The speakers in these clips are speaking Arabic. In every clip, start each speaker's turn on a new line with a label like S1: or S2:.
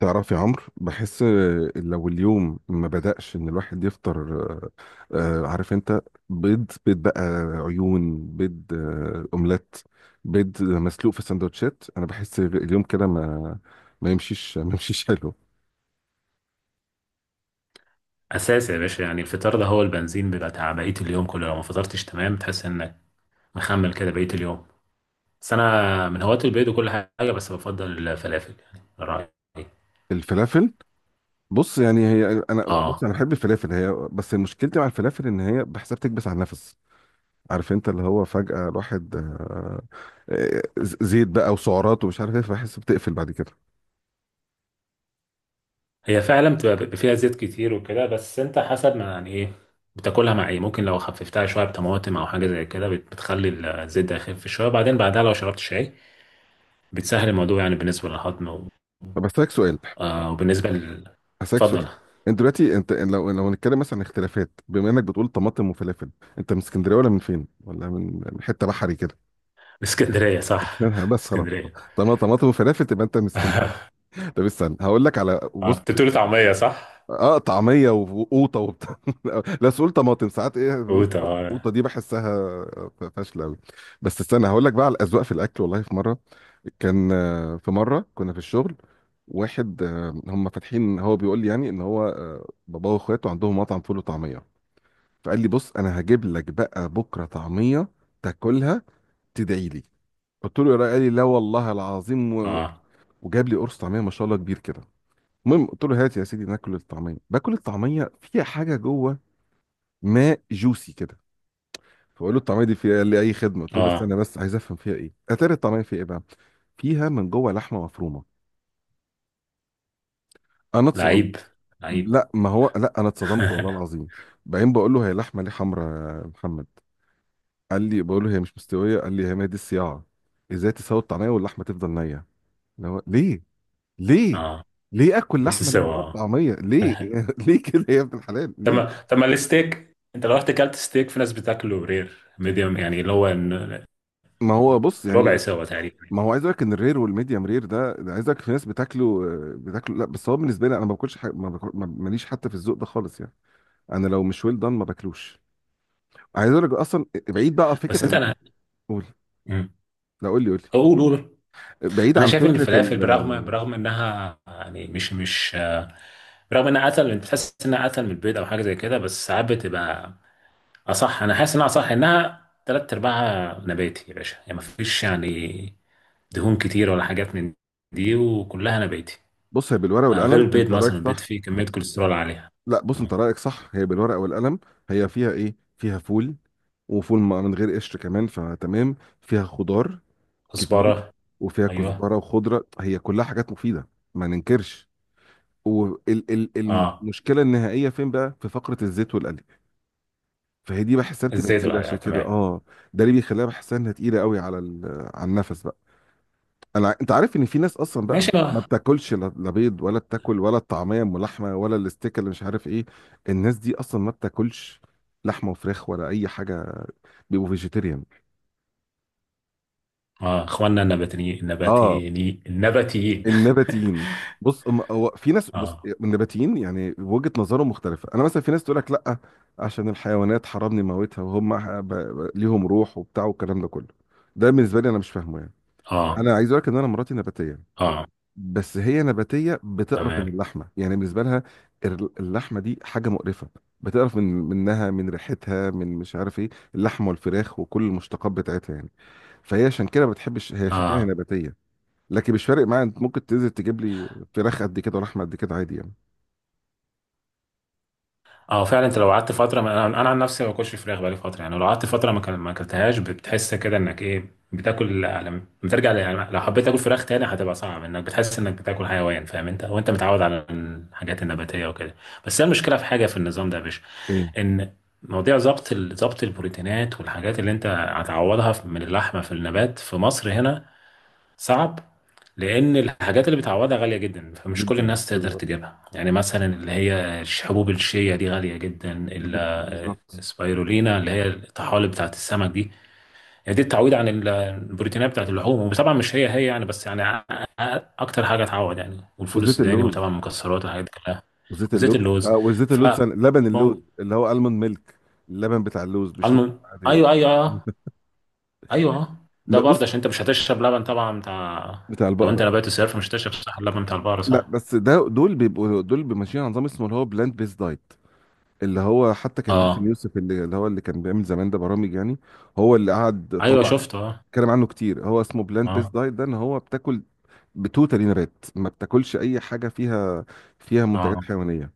S1: تعرف يا عمرو، بحس لو اليوم ما بدأش ان الواحد يفطر عارف انت. بيض بقى، عيون، بيض اومليت، بيض مسلوق في سندوتشات. انا بحس اليوم كده ما يمشيش حلو.
S2: اساس يا باشا، يعني الفطار ده هو البنزين، بيبقى بتاع بقيه اليوم كله. لو ما فطرتش تمام تحس انك مخمل كده بقيه اليوم. بس انا من هواة البيض وكل حاجه، بس بفضل الفلافل يعني رايي.
S1: الفلافل، بص يعني هي، انا بص
S2: اه،
S1: انا بحب الفلافل، هي بس مشكلتي مع الفلافل ان هي بحسها بتكبس على النفس. عارف انت اللي هو فجأة الواحد آه، زيت بقى وسعرات ومش عارف ايه، فبحس بتقفل بعد كده.
S2: هي فعلا بيبقى فيها زيت كتير وكده، بس انت حسب ما يعني ايه بتاكلها مع ايه. ممكن لو خففتها شويه بطماطم او حاجه زي كده بتخلي الزيت ده يخف شويه، بعدين بعدها لو شربت شاي بتسهل الموضوع، يعني بالنسبه للهضم
S1: بس لك سؤال،
S2: آه، وبالنسبه لل.
S1: هسألك
S2: اتفضل.
S1: سؤال. انت دلوقتي، انت لو هنتكلم مثلا عن اختلافات، بما انك بتقول طماطم وفلافل، انت من اسكندريه ولا من فين؟ ولا من حته بحري كده؟
S2: اسكندريه، صح.
S1: بس خلاص.
S2: اسكندريه.
S1: طالما طماطم وفلافل تبقى انت من اسكندريه. طب استنى هقول لك على،
S2: اه،
S1: بص،
S2: انت بتقول طعمية صح؟
S1: اه طعميه وقوطه وبتاع. لا سؤال، طماطم ساعات ايه
S2: قوت،
S1: بنقول القوطه،
S2: اه.
S1: دي بحسها فاشله قوي. بس استنى هقول لك بقى على الاذواق في الاكل. والله في مره كان، في مره كنا في الشغل واحد، هم فاتحين، هو بيقول لي يعني ان هو باباه واخواته عندهم مطعم فول وطعميه، فقال لي بص انا هجيب لك بقى بكره طعميه تاكلها تدعي لي. قلت له يا راجل، قال لي لا والله العظيم
S2: اه
S1: وجاب لي قرص طعميه ما شاء الله كبير كده. المهم قلت له هات يا سيدي ناكل الطعميه. باكل الطعميه، فيها حاجه جوه ماء جوسي كده. فقول له الطعميه دي فيها، قال لي اي خدمه. قلت له
S2: اه.
S1: استنى بس عايز افهم فيها ايه. اتاري الطعميه فيها ايه بقى؟ فيها من جوه لحمه مفرومه. انا اتصدمت.
S2: لعيب، لعيب.
S1: لا ما هو، لا انا اتصدمت والله العظيم. بعدين بقول له هي لحمه ليه حمراء يا محمد؟ قال لي، بقول له هي مش مستويه، قال لي هي ما دي الصياعه. ازاي تسوي الطعميه واللحمه تفضل نيه؟ اللي هو ليه؟ ليه؟
S2: اه،
S1: ليه اكل
S2: نص
S1: لحمه نيه
S2: سوا.
S1: جوه
S2: اه.
S1: الطعميه ليه؟ ليه كده يا ابن الحلال ليه؟
S2: طب ما الستيك، انت لو رحت كلت ستيك في ناس بتاكله رير، ميديوم، يعني
S1: ما هو بص يعني،
S2: ربع سوا تقريبا.
S1: ما هو عايز اقول لك ان الرير والميديم رير، ده عايز اقول لك في ناس بتاكله بتاكله، لا بس هو بالنسبه لي انا ما باكلش حاجه، ما باكل، ماليش حتى في الذوق ده خالص يعني. انا لو مش ويل دان ما باكلوش. عايز اقول لك اصلا بعيد بقى فكره
S2: بس انت
S1: عن،
S2: انا
S1: قول.
S2: مم.
S1: لا قول لي، قول
S2: قول قول.
S1: لي بعيد
S2: انا
S1: عن
S2: شايف ان
S1: فكره
S2: الفلافل،
S1: ال...
S2: برغم
S1: آه،
S2: برغم انها يعني مش برغم انها اتقل، بتحس انها اتقل من البيض او حاجه زي كده، بس ساعات بتبقى، اه صح. انا حاسس انها صح، انها تلات ارباعها نباتي يا باشا، يعني مفيش يعني دهون كتير ولا حاجات من دي، وكلها نباتي.
S1: بص هي بالورقه
S2: آه، غير
S1: والقلم
S2: البيض
S1: انت رايك
S2: مثلا، البيض
S1: صح.
S2: فيه كمية كوليسترول عالية.
S1: لا بص، انت
S2: مم.
S1: رايك صح، هي بالورقه والقلم، هي فيها ايه؟ فيها فول، وفول من غير قشر كمان، فتمام. فيها خضار كتير،
S2: كزبرة.
S1: وفيها
S2: ايوه.
S1: كزبره وخضره، هي كلها حاجات مفيده، ما ننكرش.
S2: اه
S1: والمشكله النهائيه فين بقى؟ في فقره الزيت والقلي. فهي دي بحسها بتبقى
S2: الزيت
S1: تقيله،
S2: العالية،
S1: عشان كده
S2: تمام.
S1: اه، ده اللي بيخليها بحسها انها تقيله قوي على على النفس بقى. انا انت عارف ان في ناس اصلا بقى
S2: ماشي
S1: ما
S2: بقى.
S1: بتاكلش لا، لا بيض ولا بتاكل ولا الطعميه ام لحمه ولا الاستيك اللي مش عارف ايه. الناس دي اصلا ما بتاكلش لحمه وفراخ ولا اي حاجه، بيبقوا فيجيتيريان.
S2: اه، اخواننا النباتيين،
S1: اه
S2: النباتيين، النباتيين.
S1: النباتيين. بص هو في ناس، بص،
S2: اه.
S1: النباتيين يعني وجهة نظرهم مختلفة. انا مثلا في ناس تقول لك لا عشان الحيوانات حرمني موتها، وهم ليهم روح وبتاع والكلام ده كله. ده بالنسبة لي انا مش فاهمه يعني.
S2: اه.
S1: انا عايز اقول لك ان انا مراتي نباتية.
S2: اه.
S1: بس هي نباتية بتقرف
S2: تمام.
S1: من اللحمة، يعني بالنسبة لها اللحمة دي حاجة مقرفة، بتقرف من، منها، من ريحتها، من مش عارف ايه، اللحمة والفراخ وكل المشتقات بتاعتها يعني. فهي عشان كده ما بتحبش، هي عشان كده هي
S2: اه.
S1: نباتية. لكن مش فارق معايا، انت ممكن تنزل تجيب لي فراخ قد كده ولحمه قد كده عادي يعني.
S2: اه فعلا، انت لو قعدت فتره ما، انا عن نفسي ما باكلش فراخ بقالي فتره. يعني لو قعدت فتره ما اكلتهاش بتحس كده انك ايه بتاكل. لما بترجع يعني لو حبيت تاكل فراخ تاني، هتبقى صعب، انك بتحس انك بتاكل حيوان، فاهم انت، وانت متعود على الحاجات النباتيه وكده. بس هي المشكله في حاجه في النظام ده يا باشا،
S1: ايه؟
S2: ان مواضيع ظبط ظبط البروتينات والحاجات اللي انت هتعوضها من اللحمه في النبات، في مصر هنا صعب، لان الحاجات اللي بتعوضها غاليه جدا، فمش كل
S1: جدا
S2: الناس تقدر
S1: بالظبط،
S2: تجيبها. يعني مثلا اللي هي حبوب الشيا دي غاليه جدا،
S1: جدا بالظبط.
S2: السبايرولينا اللي هي الطحالب بتاعت السمك دي. يعني دي التعويض عن البروتينات بتاعت اللحوم، وطبعا مش هي هي يعني، بس يعني اكتر حاجه تعوض يعني، والفول
S1: وزيت
S2: السوداني، وطبعا
S1: اللوز،
S2: المكسرات والحاجات دي كلها.
S1: وزيت
S2: وزيت
S1: اللوز.
S2: اللوز.
S1: اه وزيت
S2: ف
S1: اللوز، لبن اللوز
S2: مو-
S1: اللي هو المون ميلك، اللبن بتاع اللوز مش
S2: الم...
S1: لبن عادي.
S2: ايوه ايوه ايوه. أيوه، أه. ده برضه
S1: بص،
S2: عشان انت مش هتشرب لبن طبعا بتاع.
S1: بتاع
S2: لو انت
S1: البقره.
S2: نبات الصيف، مش هتشرب صح اللبن بتاع البقرة،
S1: لا
S2: صح.
S1: بس ده، دول بيبقوا، دول بيبقوا ماشيين على نظام اسمه اللي هو بلاند بيس دايت. اللي هو حتى كان
S2: اه.
S1: باسم يوسف اللي هو اللي كان بيعمل زمان ده برامج يعني. هو اللي قعد
S2: ايوه،
S1: طلع
S2: شفته، اه.
S1: اتكلم عنه كتير. هو اسمه بلاند بيس
S2: اه.
S1: دايت، ده ان هو بتاكل بتوتالي نبات، ما بتاكلش اي حاجه فيها، فيها
S2: اه.
S1: منتجات حيوانيه.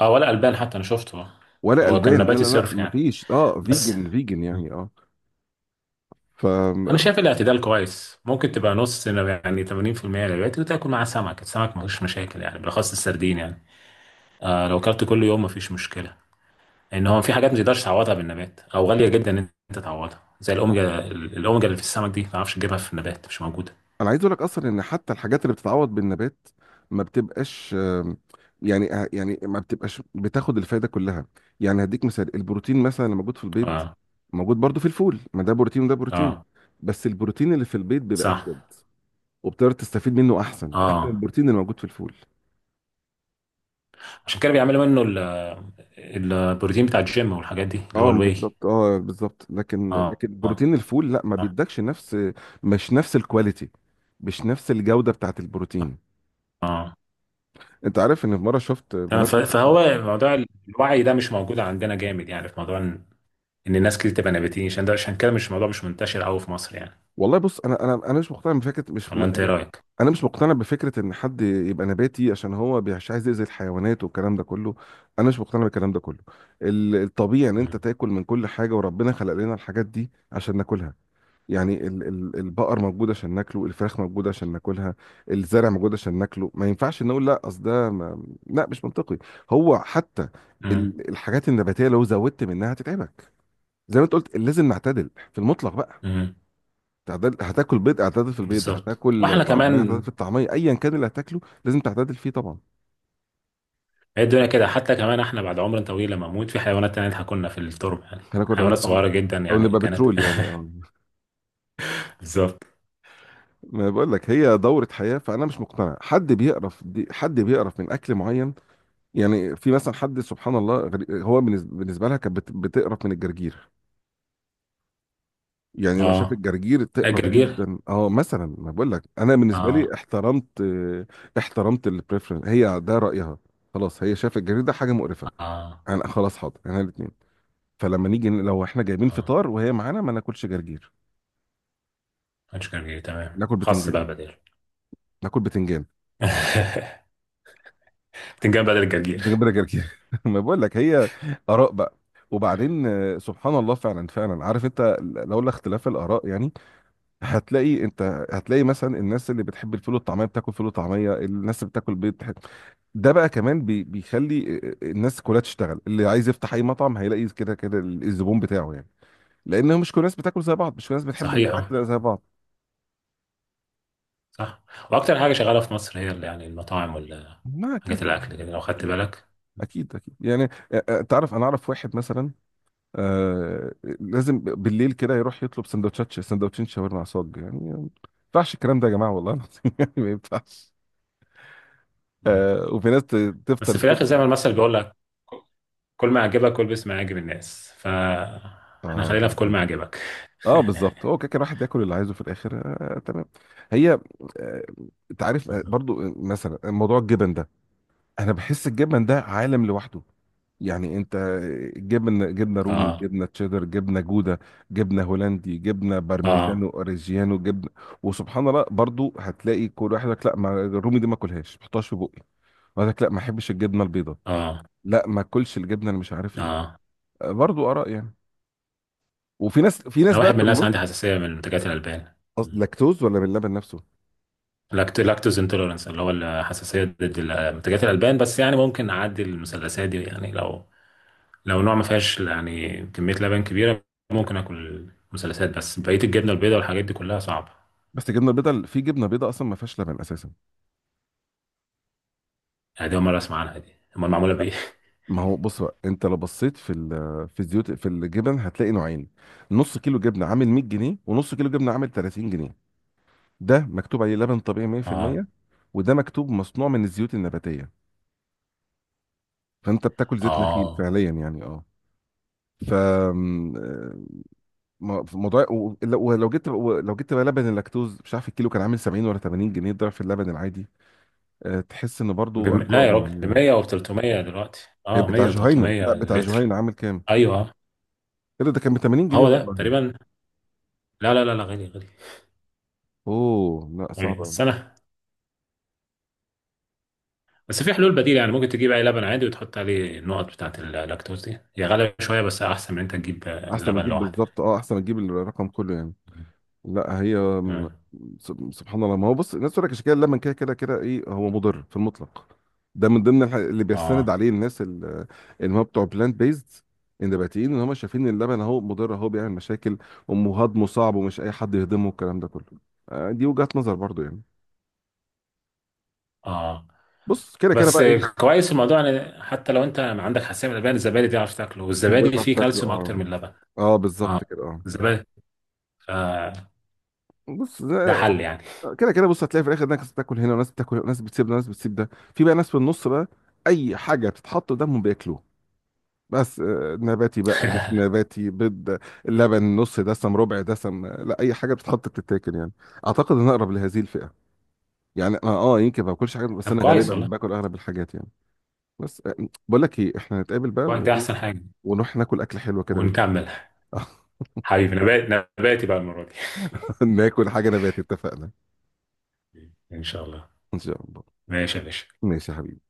S2: اه، ولا البان حتى، انا شفته، آه.
S1: ولا
S2: هو كان
S1: البان، لا
S2: نباتي
S1: لا لا،
S2: صرف
S1: ما
S2: يعني.
S1: فيش، اه
S2: بس
S1: فيجن فيجن يعني اه. ف
S2: انا شايف الاعتدال كويس. ممكن تبقى نص، يعني 80% نباتي، وتاكل معاه سمك. السمك مفيش مشاكل يعني، بالاخص السردين يعني. آه لو اكلت كل يوم مفيش مشكله. ان هو في حاجات ما تقدرش تعوضها بالنبات، او غاليه جدا ان انت تعوضها، زي
S1: لا.
S2: الاوميجا. الاوميجا اللي في السمك دي ما تعرفش تجيبها في النبات، مش موجوده.
S1: انا عايز اقول لك اصلا ان حتى الحاجات اللي بتتعوض بالنبات ما بتبقاش، يعني يعني ما بتبقاش بتاخد الفايده كلها. يعني هديك مثال البروتين مثلا اللي موجود في البيض،
S2: اه.
S1: موجود برضو في الفول، ما ده بروتين وده بروتين.
S2: اه
S1: بس البروتين اللي في البيض بيبقى
S2: صح.
S1: افيد، وبتقدر تستفيد منه احسن، احسن من
S2: اه،
S1: البروتين اللي موجود في الفول.
S2: عشان كده بيعملوا منه البروتين بتاع الجيم والحاجات دي، اللي هو
S1: اه
S2: الواي.
S1: بالظبط، اه بالظبط. لكن
S2: اه.
S1: لكن
S2: اه.
S1: بروتين الفول لا ما
S2: اه.
S1: بيدكش نفس، مش نفس الكواليتي، مش نفس الجوده بتاعت البروتين.
S2: آه.
S1: انت عارف ان في مره شفت
S2: تمام.
S1: بنات.
S2: فهو موضوع الوعي ده مش موجود عندنا جامد، يعني في موضوع ان إن الناس كتير تبقى نباتيين عشان ده. عشان كده مش الموضوع مش منتشر قوي في مصر يعني.
S1: والله بص انا، انا مش مقتنع بفكره، مش م-
S2: ولا انت ايه
S1: انا،
S2: رايك؟
S1: أنا مش مقتنع بفكره ان حد يبقى نباتي عشان هو مش عايز يأذي الحيوانات والكلام ده كله. انا مش مقتنع بالكلام ده كله. الطبيعي ان انت
S2: مم.
S1: تاكل من كل حاجه، وربنا خلق لنا الحاجات دي عشان ناكلها. يعني البقر موجود عشان ناكله، الفراخ موجودة عشان ناكلها، الزرع موجود عشان ناكله. ما ينفعش نقول لا اصل ده، ما... لا مش منطقي. هو حتى
S2: مم.
S1: الحاجات النباتية لو زودت منها هتتعبك. زي ما انت قلت، لازم نعتدل في المطلق بقى.
S2: مم.
S1: تعدل، هتاكل بيض اعتدل في البيض،
S2: بالظبط.
S1: هتاكل
S2: واحنا
S1: طعمية اعتدل
S2: كمان
S1: في الطعمية، ايا كان اللي هتاكله لازم تعتدل فيه طبعا.
S2: هي الدنيا كده، حتى كمان احنا بعد عمر طويل لما نموت، في حيوانات تانية هتاكلنا في التربة، يعني
S1: احنا
S2: حيوانات
S1: كنا، او
S2: صغيرة جدا،
S1: أو
S2: يعني
S1: نبقى
S2: كانت.
S1: بترول يعني اه.
S2: بالظبط.
S1: ما بقول لك، هي دورة حياة. فانا مش مقتنع حد بيقرف، دي حد بيقرف من اكل معين. يعني في مثلا حد، سبحان الله، هو بالنسبه، بالنسبة لها كانت بتقرف من الجرجير. يعني لو شاف
S2: اه.
S1: الجرجير
S2: لا
S1: تقرف
S2: الجرجير.
S1: جدا اه مثلا، ما بقول لك انا بالنسبه
S2: اه.
S1: لي احترمت، احترمت البريفرنس، هي ده رايها، خلاص، هي شايفه الجرجير ده حاجه مقرفه،
S2: اه.
S1: انا خلاص حاضر انا الاثنين. فلما نيجي لو احنا جايبين
S2: اه.
S1: فطار وهي معانا ما ناكلش جرجير،
S2: مش جرجير، تمام،
S1: ناكل
S2: خاص
S1: بتنجان
S2: بقى بدل.
S1: ناكل بتنجان
S2: تنجان بدل الجرجير.
S1: بتنجان بلا جرجير. ما بقول لك هي اراء بقى. وبعدين سبحان الله فعلا، فعلا عارف انت، لولا اختلاف الاراء يعني. هتلاقي انت. هتلاقي مثلا الناس اللي بتحب الفول والطعميه بتاكل فول وطعميه، الناس اللي بتاكل بيض بتحب. ده بقى كمان بيخلي الناس كلها تشتغل، اللي عايز يفتح اي مطعم هيلاقي كده كده الزبون بتاعه يعني، لان مش كل الناس بتاكل زي بعض، مش كل الناس بتحب
S2: صحيحة.
S1: الاكل زي بعض.
S2: صح. وأكتر حاجة شغالة في مصر هي يعني المطاعم
S1: ما اكيد
S2: والحاجات،
S1: طبعا،
S2: الأكل كده لو خدت
S1: اكيد،
S2: بالك.
S1: اكيد اكيد يعني. تعرف انا اعرف واحد مثلا، آه، لازم بالليل كده يروح يطلب سندوتشات، سندوتشين شاورما على صاج، يعني ما ينفعش الكلام ده يا جماعه والله العظيم. يعني ما ينفعش.
S2: مم.
S1: آه وفي ناس تفطر
S2: بس في
S1: الصبح.
S2: الآخر زي ما المثل بيقول لك، كل ما يعجبك كل، باسم يعجب الناس، فاحنا
S1: اه
S2: خلينا في كل ما
S1: بالظبط،
S2: يعجبك.
S1: اه بالظبط، هو كده كده الواحد ياكل اللي عايزه في الاخر. آه تمام. هي آه، انت عارف آه،
S2: بالظبط.
S1: برضو مثلا موضوع الجبن ده، انا بحس الجبن ده عالم لوحده. يعني انت جبن، جبنه رومي،
S2: آه.
S1: جبنه تشيدر، جبنه جوده، جبنه هولندي، جبنه
S2: آه.
S1: بارميجانو اوريجيانو، جبنه. وسبحان الله برضو هتلاقي كل واحد يقول لك لا، ما الرومي دي ما اكلهاش ما احطهاش في بقي. ويقول لك لا ما احبش الجبنه البيضاء.
S2: آه.
S1: لا ما اكلش الجبنه اللي مش عارف ايه.
S2: آه.
S1: برضو اراء يعني. وفي ناس، في ناس
S2: أنا
S1: بقى
S2: واحد من
S1: في
S2: الناس،
S1: النص.
S2: عندي حساسية من منتجات الألبان. مم.
S1: لاكتوز ولا من اللبن نفسه؟
S2: لاكتوز انتوليرنس، اللي هو الحساسية ضد منتجات الألبان. بس يعني ممكن أعدي المثلثات دي، يعني لو لو نوع ما فيهاش يعني كمية لبن كبيرة، ممكن آكل مثلثات. بس بقية الجبنة البيضاء والحاجات دي كلها صعبة.
S1: بس الجبنه البيضاء، في جبنه بيضاء اصلا ما فيهاش لبن اساسا.
S2: أنا دي أول مرة أسمع عنها، دي أمال معمولة بإيه؟
S1: ما هو بص بقى، انت لو بصيت في في الزيوت في الجبن هتلاقي نوعين. نص كيلو جبنه عامل 100 جنيه، ونص كيلو جبنه عامل 30 جنيه. ده مكتوب عليه لبن طبيعي
S2: آه.
S1: 100%، وده مكتوب مصنوع من الزيوت النباتيه، فانت بتاكل زيت نخيل
S2: آه.
S1: فعليا يعني اه. ف م- موضوع، ولو جبت، لو جبت بقى لبن اللاكتوز، مش عارف الكيلو كان عامل 70 ولا 80 جنيه، ضعف اللبن العادي. تحس ان برضو
S2: لا
S1: ارقام
S2: يا راجل، ب
S1: يعني.
S2: 100 و 300 دلوقتي. آه
S1: بتاع
S2: 100 و
S1: جهينة، لا
S2: 300
S1: بتاع
S2: لتر.
S1: جهينة عامل كام؟
S2: أيوه.
S1: ايه ده، ده كان ب 80 جنيه
S2: هو ده
S1: والله.
S2: تقريبا. لا لا لا لا، غالي غالي.
S1: اوه لا
S2: غالي.
S1: صعب أوي.
S2: بس أنا، بس في حلول بديلة. يعني ممكن تجيب أي لبن عادي، وتحط عليه النقط بتاعة اللاكتوز دي. هي غالية شوية، بس أحسن من أنت تجيب
S1: احسن ما
S2: لبن
S1: تجيب،
S2: لوحده.
S1: بالظبط، اه احسن ما تجيب الرقم كله يعني. لا هي م-
S2: تمام.
S1: سبحان الله. ما هو بص، الناس تقول لك الشكايه لما كده كده كده ايه، هو مضر في المطلق. ده من ضمن اللي بيستند
S2: آه.
S1: عليه الناس اللي هم بتوع بلانت بيزد، النباتيين، ان هم شايفين إن اللبن اهو مضر، اهو بيعمل مشاكل، وهضمه صعب ومش اي حد يهضمه، الكلام ده كله. دي وجهة نظر برضو يعني.
S2: آه.
S1: بص كده كده
S2: بس
S1: بقى ايه.
S2: كويس في الموضوع ان، حتى لو انت ما عندك حساسيه من اللبن، الزبادي تعرف تاكله.
S1: ازاي
S2: والزبادي
S1: تعرف
S2: فيه
S1: تاكل
S2: كالسيوم
S1: اه،
S2: اكتر من اللبن.
S1: اه
S2: اه،
S1: بالظبط كده اه.
S2: الزبادي. آه،
S1: بص
S2: ده
S1: ده،
S2: حل يعني.
S1: كده كده بص، هتلاقي في الاخر ناس بتاكل هنا وناس بتاكل هنا، وناس بتسيب ده وناس بتسيب ده، في بقى ناس في النص بقى اي حاجه بتتحط قدامهم بياكلوه. بس نباتي بقى مش نباتي، بيض، لبن نص دسم ربع دسم، لا اي حاجه بتتحط بتتاكل يعني. اعتقد ان أنا اقرب لهذه الفئه يعني، انا اه يمكن ما باكلش حاجات بس
S2: طب
S1: انا
S2: كويس
S1: غالبا
S2: والله.
S1: باكل اغلب الحاجات يعني. بس بقول لك ايه، احنا نتقابل بقى
S2: كويس، ده
S1: وايه،
S2: احسن حاجه.
S1: ونروح ناكل اكل حلو كده بالليل.
S2: ونكمل. حبيبي، نبات نباتي بقى المره دي.
S1: ناكل حاجه نباتي، اتفقنا،
S2: ان شاء الله.
S1: ان شاء الله.
S2: ماشي يا باشا.
S1: ماشي يا حبيبي.